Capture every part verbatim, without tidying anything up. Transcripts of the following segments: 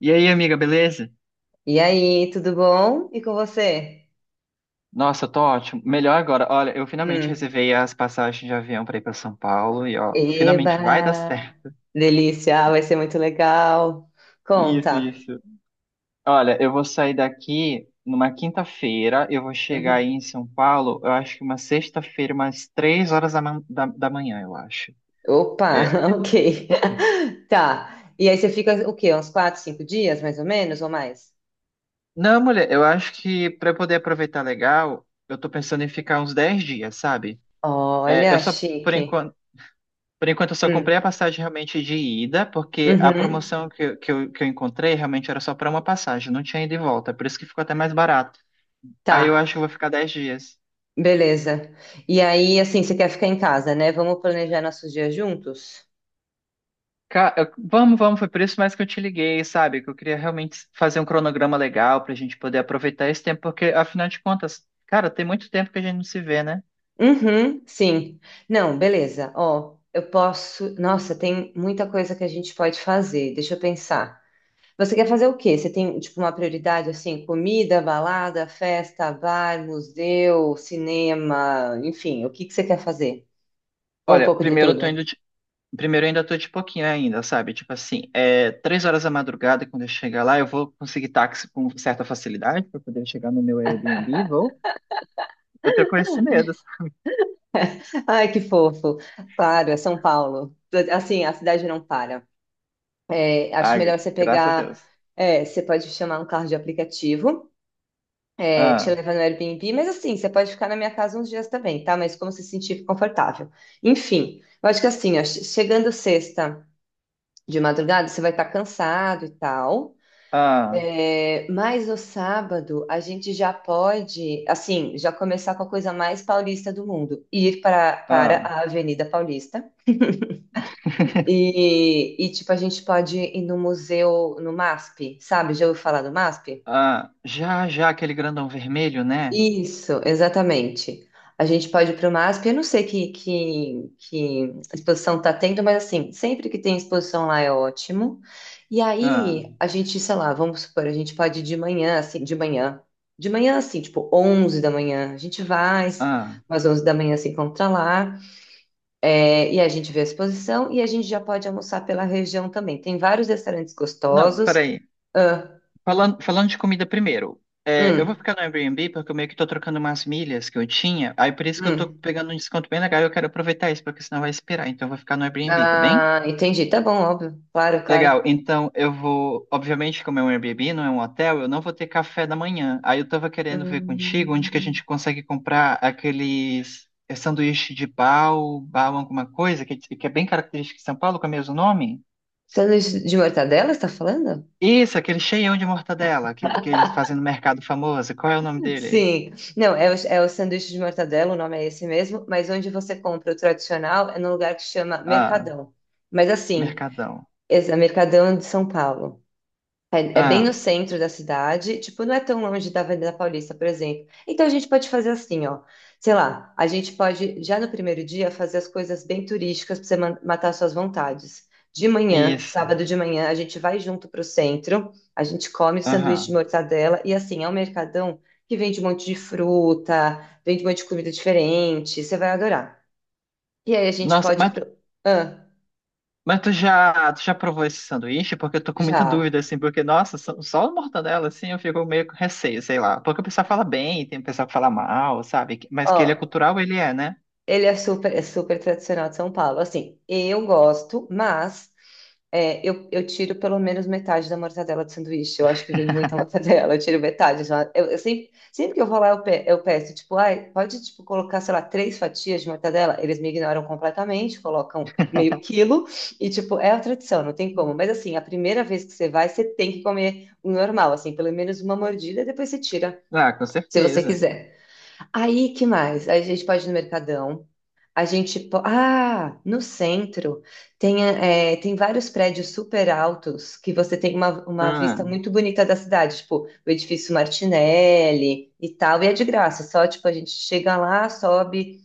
E aí, amiga, beleza? E aí, tudo bom? E com você? Nossa, eu tô ótimo. Melhor agora. Olha, eu finalmente Hum. reservei as passagens de avião pra ir pra São Paulo e ó, finalmente vai dar Eba! certo. Delícia, vai ser muito legal. Isso, Conta. isso. Olha, eu vou sair daqui numa quinta-feira, eu vou chegar aí Uhum. em São Paulo, eu acho que uma sexta-feira, umas três horas da, man- da, da manhã, eu acho. Opa, É. Ok. Tá. E aí você fica o quê? Uns quatro, cinco dias, mais ou menos, ou mais? Não, mulher, eu acho que pra eu poder aproveitar legal, eu tô pensando em ficar uns dez dias, sabe? É, eu Olha, só, por chique. enquanto. Por enquanto, eu só comprei a Hum. passagem realmente de ida, porque a Uhum. promoção que, eu- que, eu, que eu encontrei realmente era só para uma passagem, não tinha ida e volta, por isso que ficou até mais barato. Aí eu Tá, acho que eu vou ficar dez dias. beleza. E aí, assim, você quer ficar em casa, né? Vamos planejar nossos dias juntos? Ca- eu- vamos, vamos, foi por isso mais que eu te liguei, sabe? Que eu queria realmente fazer um cronograma legal para a gente poder aproveitar esse tempo, porque afinal de contas, cara, tem muito tempo que a gente não se vê, né? Uhum, sim. Não, beleza. Ó, eu posso. Nossa, tem muita coisa que a gente pode fazer. Deixa eu pensar. Você quer fazer o quê? Você tem, tipo, uma prioridade assim, comida, balada, festa, bar, museu, cinema, enfim, o que que você quer fazer? Ou um Olha, pouco de primeiro eu tô indo, tudo? Primeiro, eu ainda tô de pouquinho ainda, sabe? Tipo assim, é, três horas da madrugada, quando eu chegar lá, eu vou conseguir táxi com certa facilidade para poder chegar no meu Airbnb, vou. Eu tô com esse medo. Ai, que fofo. Claro, é São Paulo. Assim, a cidade não para. É, acho Ah, gra- melhor você graças a pegar. Deus. É, você pode chamar um carro de aplicativo. É, te Ah, levar no Airbnb, mas assim, você pode ficar na minha casa uns dias também, tá? Mas como se sentir confortável. Enfim, eu acho que assim, ó, che- chegando sexta de madrugada, você vai estar cansado e tal. ah, É, mas no sábado a gente já pode, assim, já começar com a coisa mais paulista do mundo, ir para, para ah, a Avenida Paulista e, e, tipo, a gente pode ir no museu, no MASP, sabe? Já ouviu falar do MASP? ah. Já, já, aquele grandão vermelho, né? Isso, exatamente. A gente pode ir para o MASP, eu não sei que, que, que exposição está tendo, mas assim, sempre que tem exposição lá é ótimo. E Ah, aí, a gente, sei lá, vamos supor, a gente pode ir de manhã, assim, de manhã. De manhã, assim, tipo onze da manhã, a gente vai, ah. umas onze da manhã se encontra lá, é, e a gente vê a exposição, e a gente já pode almoçar pela região também. Tem vários restaurantes Não, gostosos. peraí. Ah, Falando, falando de comida primeiro, é, eu vou hum, ficar no Airbnb porque eu meio que tô trocando umas milhas que eu tinha, aí por isso que eu tô hum. pegando um desconto bem legal e eu quero aproveitar isso, porque senão vai esperar, então eu vou ficar no Airbnb, tá bem? Ah, entendi, tá bom, óbvio, claro, claro. Legal, então eu vou, obviamente, como é um Airbnb, não é um hotel, eu não vou ter café da manhã. Aí eu tava querendo ver contigo onde que a Hum, gente consegue comprar aqueles é, sanduíche de pau, pau alguma coisa, que, que é bem característico de São Paulo, com é o mesmo nome? Sanduíche de mortadela, você tá falando? Isso, aquele cheião de mortadela que, que eles fazem no mercado famoso. Qual é o nome dele? Sim. Não, é o, é o sanduíche de mortadela, o nome é esse mesmo, mas onde você compra o tradicional é num lugar que chama Ah, Mercadão. Mas assim, Mercadão. esse é Mercadão de São Paulo. É, é bem Ah, no centro da cidade, tipo, não é tão longe da Avenida Paulista, por exemplo. Então a gente pode fazer assim, ó. Sei lá, a gente pode já no primeiro dia fazer as coisas bem turísticas para você ma- matar suas vontades. De manhã, isso. sábado de manhã, a gente vai junto para o centro, a gente come sanduíche de Aham. mortadela e assim, é um mercadão que vende um monte de fruta, vende um monte de comida diferente, você vai adorar. E aí a gente Nossa, pode ir mas, pro. Ah, mas tu já, tu já provou esse sanduíche? Porque eu tô com muita já. dúvida, assim, porque, nossa, só, só o mortadela, assim, eu fico meio com receio, sei lá. Porque o pessoal fala bem, tem o pessoal que fala mal, sabe? Mas que ele é Ó, cultural, ele é, né? ele é super, é super tradicional de São Paulo. Assim, eu gosto, mas é, eu, eu tiro pelo menos metade da mortadela do sanduíche. Eu acho que vem muita mortadela, eu tiro metade. Já. Eu, eu sempre, sempre que eu vou lá, eu, pe- eu peço, tipo, ai, pode tipo, colocar, sei lá, três fatias de mortadela? Eles me ignoram completamente, colocam meio quilo. E, tipo, é a tradição, não tem como. Mas, assim, a primeira vez que você vai, você tem que comer o normal, assim, pelo menos uma mordida, depois você tira, Ah, com se você certeza. quiser. Aí, que mais? Aí a gente pode ir no Mercadão. A gente. po- Ah, no centro tem, é, tem vários prédios super altos que você tem uma, uma Ah, vista muito bonita da cidade, tipo o edifício Martinelli e tal, e é de graça, só tipo a gente chega lá, sobe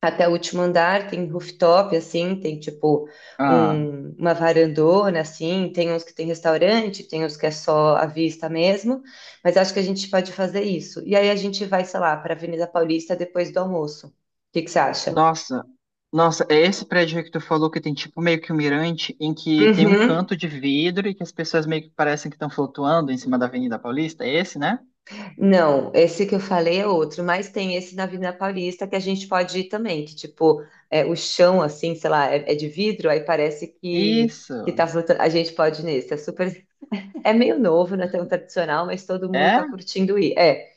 até o último andar, tem rooftop, assim, tem tipo ah. um- uma varandona, assim, tem uns que tem restaurante, tem uns que é só a vista mesmo, mas acho que a gente pode fazer isso. E aí a gente vai, sei lá, para Avenida Paulista depois do almoço. O que que você acha? Nossa, nossa, é esse prédio aí que tu falou que tem tipo meio que um mirante em que tem um Uhum. canto de vidro e que as pessoas meio que parecem que estão flutuando em cima da Avenida Paulista? É esse, né? Não, esse que eu falei é outro, mas tem esse na Avenida Paulista que a gente pode ir também, que tipo, é, o chão assim, sei lá, é, é de vidro, aí parece que, que Isso. tá flutuando. A gente pode ir nesse, é super. É meio novo, não é tão tradicional, mas todo mundo É? tá curtindo ir. É,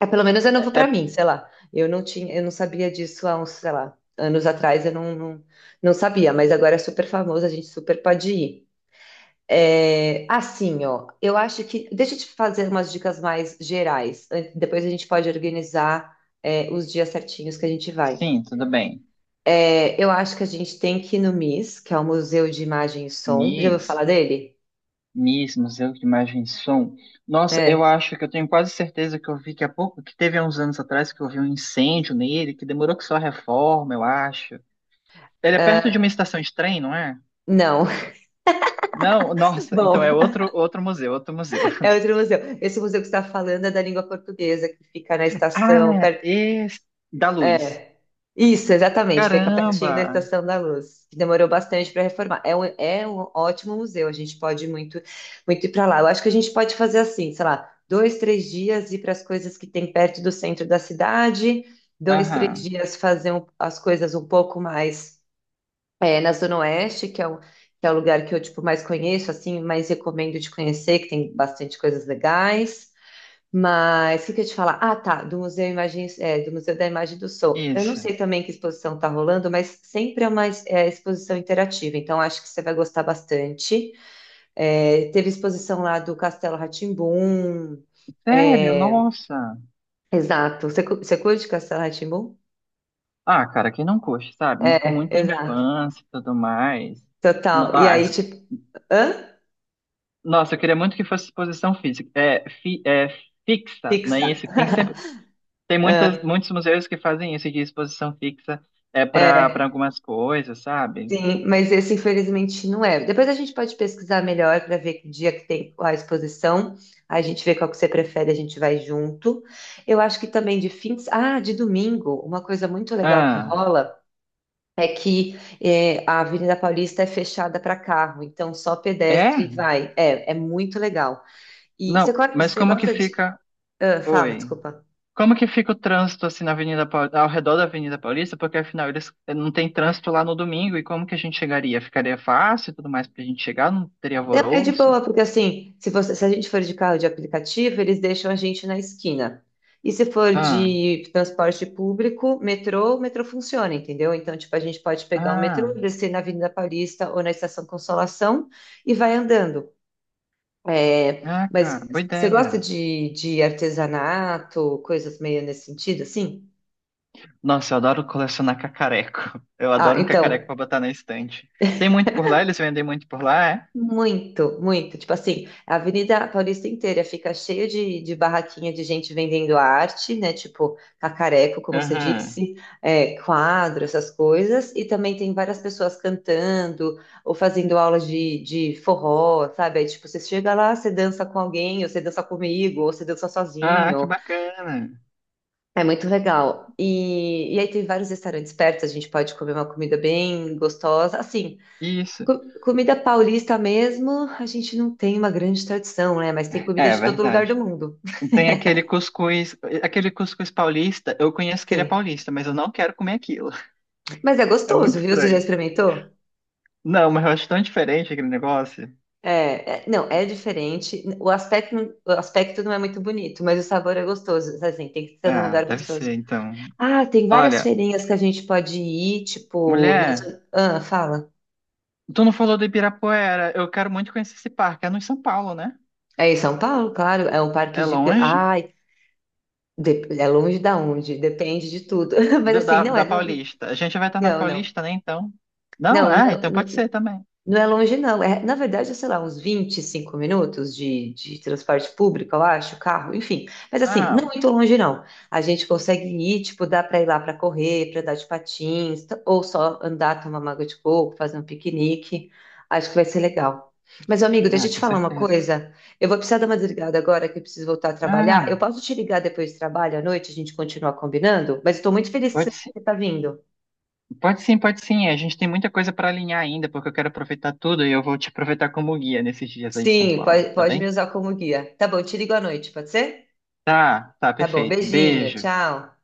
é pelo menos é É, novo pra é- mim, sei lá. Eu não tinha, eu não sabia disso há uns, sei lá, anos atrás, eu não, não, não sabia, mas agora é super famoso, a gente super pode ir. É, assim, ó, eu acho que. Deixa eu te fazer umas dicas mais gerais. An- Depois a gente pode organizar, é, os dias certinhos que a gente vai. sim, tudo bem. É, eu acho que a gente tem que ir no MIS, que é o Museu de Imagem e Som. Já ouviu Miss, falar dele? Miss, Museu de Imagem e Som. Nossa, eu É. acho que eu tenho quase certeza que eu vi que há pouco, que teve há uns anos atrás, que eu vi um incêndio nele, que demorou que só a reforma, eu acho. Ele é perto de uma Ah, estação de trem, não é? não. Não, nossa, então Bom, é outro, outro museu, outro museu. é outro museu. Esse museu que você está falando é da língua portuguesa, que fica na estação, Ah, perto. esse da Luz. É. Isso, exatamente. Fica pertinho Caramba! da Estação da Luz, que demorou bastante para reformar. É um, é um ótimo museu, a gente pode muito, muito ir para lá. Eu acho que a gente pode fazer assim, sei lá, dois, três dias ir para as coisas que tem perto do centro da cidade, dois, três Aham, dias fazer um- as coisas um pouco mais é, na Zona Oeste, que é o, que é o lugar que eu tipo, mais conheço, assim, mais recomendo de conhecer, que tem bastante coisas legais. Mas o que que eu ia te falar? Ah, tá, do Museu Imagem, é, do Museu da Imagem do Som. Eu não esse. sei também que exposição está rolando, mas sempre é uma es- é, exposição interativa, então acho que você vai gostar bastante. É, teve exposição lá do Castelo rá tim Sério, nossa. exato. Você, cu- você curte Castelo rá tim Ah, cara, quem não curte, sabe? Marcou É, muito a exato. infância e tudo mais. No- Total. E Ah, aí, tipo, hã? nossa, eu queria muito que fosse exposição física, é, fi, é fixa, não é Pixar. isso? Tem sempre, tem muitas, muitos museus que fazem isso de exposição fixa é para para É, algumas coisas, sabe? sim, mas esse infelizmente não é. Depois a gente pode pesquisar melhor para ver que dia que tem a exposição. Aí a gente vê qual que você prefere, a gente vai junto. Eu acho que também de fins. Ah, de domingo, uma coisa muito legal que Ah, rola é que eh, a Avenida Paulista é fechada para carro, então só pedestre é? vai. É, é muito legal. E você, Não, co- mas você como que gosta de. fica? Ah, fala, Oi. desculpa. Como que fica o trânsito assim na Avenida Paul- ao redor da Avenida Paulista? Porque afinal eles eh, não tem trânsito lá no domingo e como que a gente chegaria? Ficaria fácil e tudo mais pra gente chegar? Não teria Não, é de alvoroço? boa, porque assim, se você, se a gente for de carro de aplicativo, eles deixam a gente na esquina. E se for Ah, de transporte público, metrô, o metrô funciona, entendeu? Então, tipo, a gente pode pegar o metrô, ah, descer na Avenida Paulista ou na Estação Consolação e vai andando. É, ah, cara, boa mas você gosta ideia. de, de artesanato, coisas meio nesse sentido, assim? Nossa, eu adoro colecionar cacareco. Eu Ah, adoro um cacareco então, pra botar na estante. Tem muito por lá? Eles vendem muito por lá, é? muito, muito. Tipo assim, a Avenida Paulista inteira fica cheia de, de barraquinha de gente vendendo arte, né? Tipo, cacareco, como você Aham. disse, é, quadro, essas coisas. E também tem várias pessoas cantando ou fazendo aulas de, de forró, sabe? Aí, tipo, você chega lá, você dança com alguém, ou você dança comigo, ou você dança Ah, que sozinho. bacana. É muito legal. E, e aí tem vários restaurantes perto, a gente pode comer uma comida bem gostosa. Assim, Isso. Co- Comida paulista mesmo, a gente não tem uma grande tradição, né? Mas tem É, comida é de todo lugar do verdade. mundo. Tem aquele cuscuz, aquele cuscuz paulista. Eu conheço que ele é Sim. paulista, mas eu não quero comer aquilo. Mas é É muito gostoso, viu? Você já estranho. experimentou? Não, mas eu acho tão diferente aquele negócio. É, é- não, é diferente. O aspecto, não- o aspecto não é muito bonito, mas o sabor é gostoso. Assim, tem que ser num Ah, lugar deve ser, gostoso. então. Ah, tem várias Olha, feirinhas que a gente pode ir, tipo, nas. mulher, Ah, fala. tu não falou do Ibirapuera. Eu quero muito conhecer esse parque. É no São Paulo, né? É em São Paulo, claro, é um parque É gigante. longe? Ai, de- é longe da onde, depende de tudo. Mas do- assim, da, não é, da Paulista. A gente vai estar na não, não. Paulista, né? Então. Não, Não, ah, não, então pode não, ser também. não é longe, não. É, na verdade, é, sei lá, uns vinte e cinco minutos de, de transporte público, eu acho, carro, enfim. Mas assim, não é Ah, muito longe, não. A gente consegue ir, tipo, dá para ir lá para correr, para dar de patins, t- ou só andar, tomar uma água de coco, fazer um piquenique. Acho que vai ser legal. Mas, amigo, deixa ah, eu te com falar uma certeza. coisa. Eu vou precisar dar uma desligada agora, que eu preciso voltar a trabalhar. Ah, Eu posso te ligar depois do trabalho à noite, a gente continua combinando? Mas estou muito feliz que você pode sim, está vindo. pode sim, pode sim. A gente tem muita coisa para alinhar ainda, porque eu quero aproveitar tudo e eu vou te aproveitar como guia nesses dias aí em São Sim, Paulo, pode, tá pode me bem? usar como guia. Tá bom, te ligo à noite, pode ser? Tá, tá, Tá bom, perfeito. beijinho, Beijo. tchau.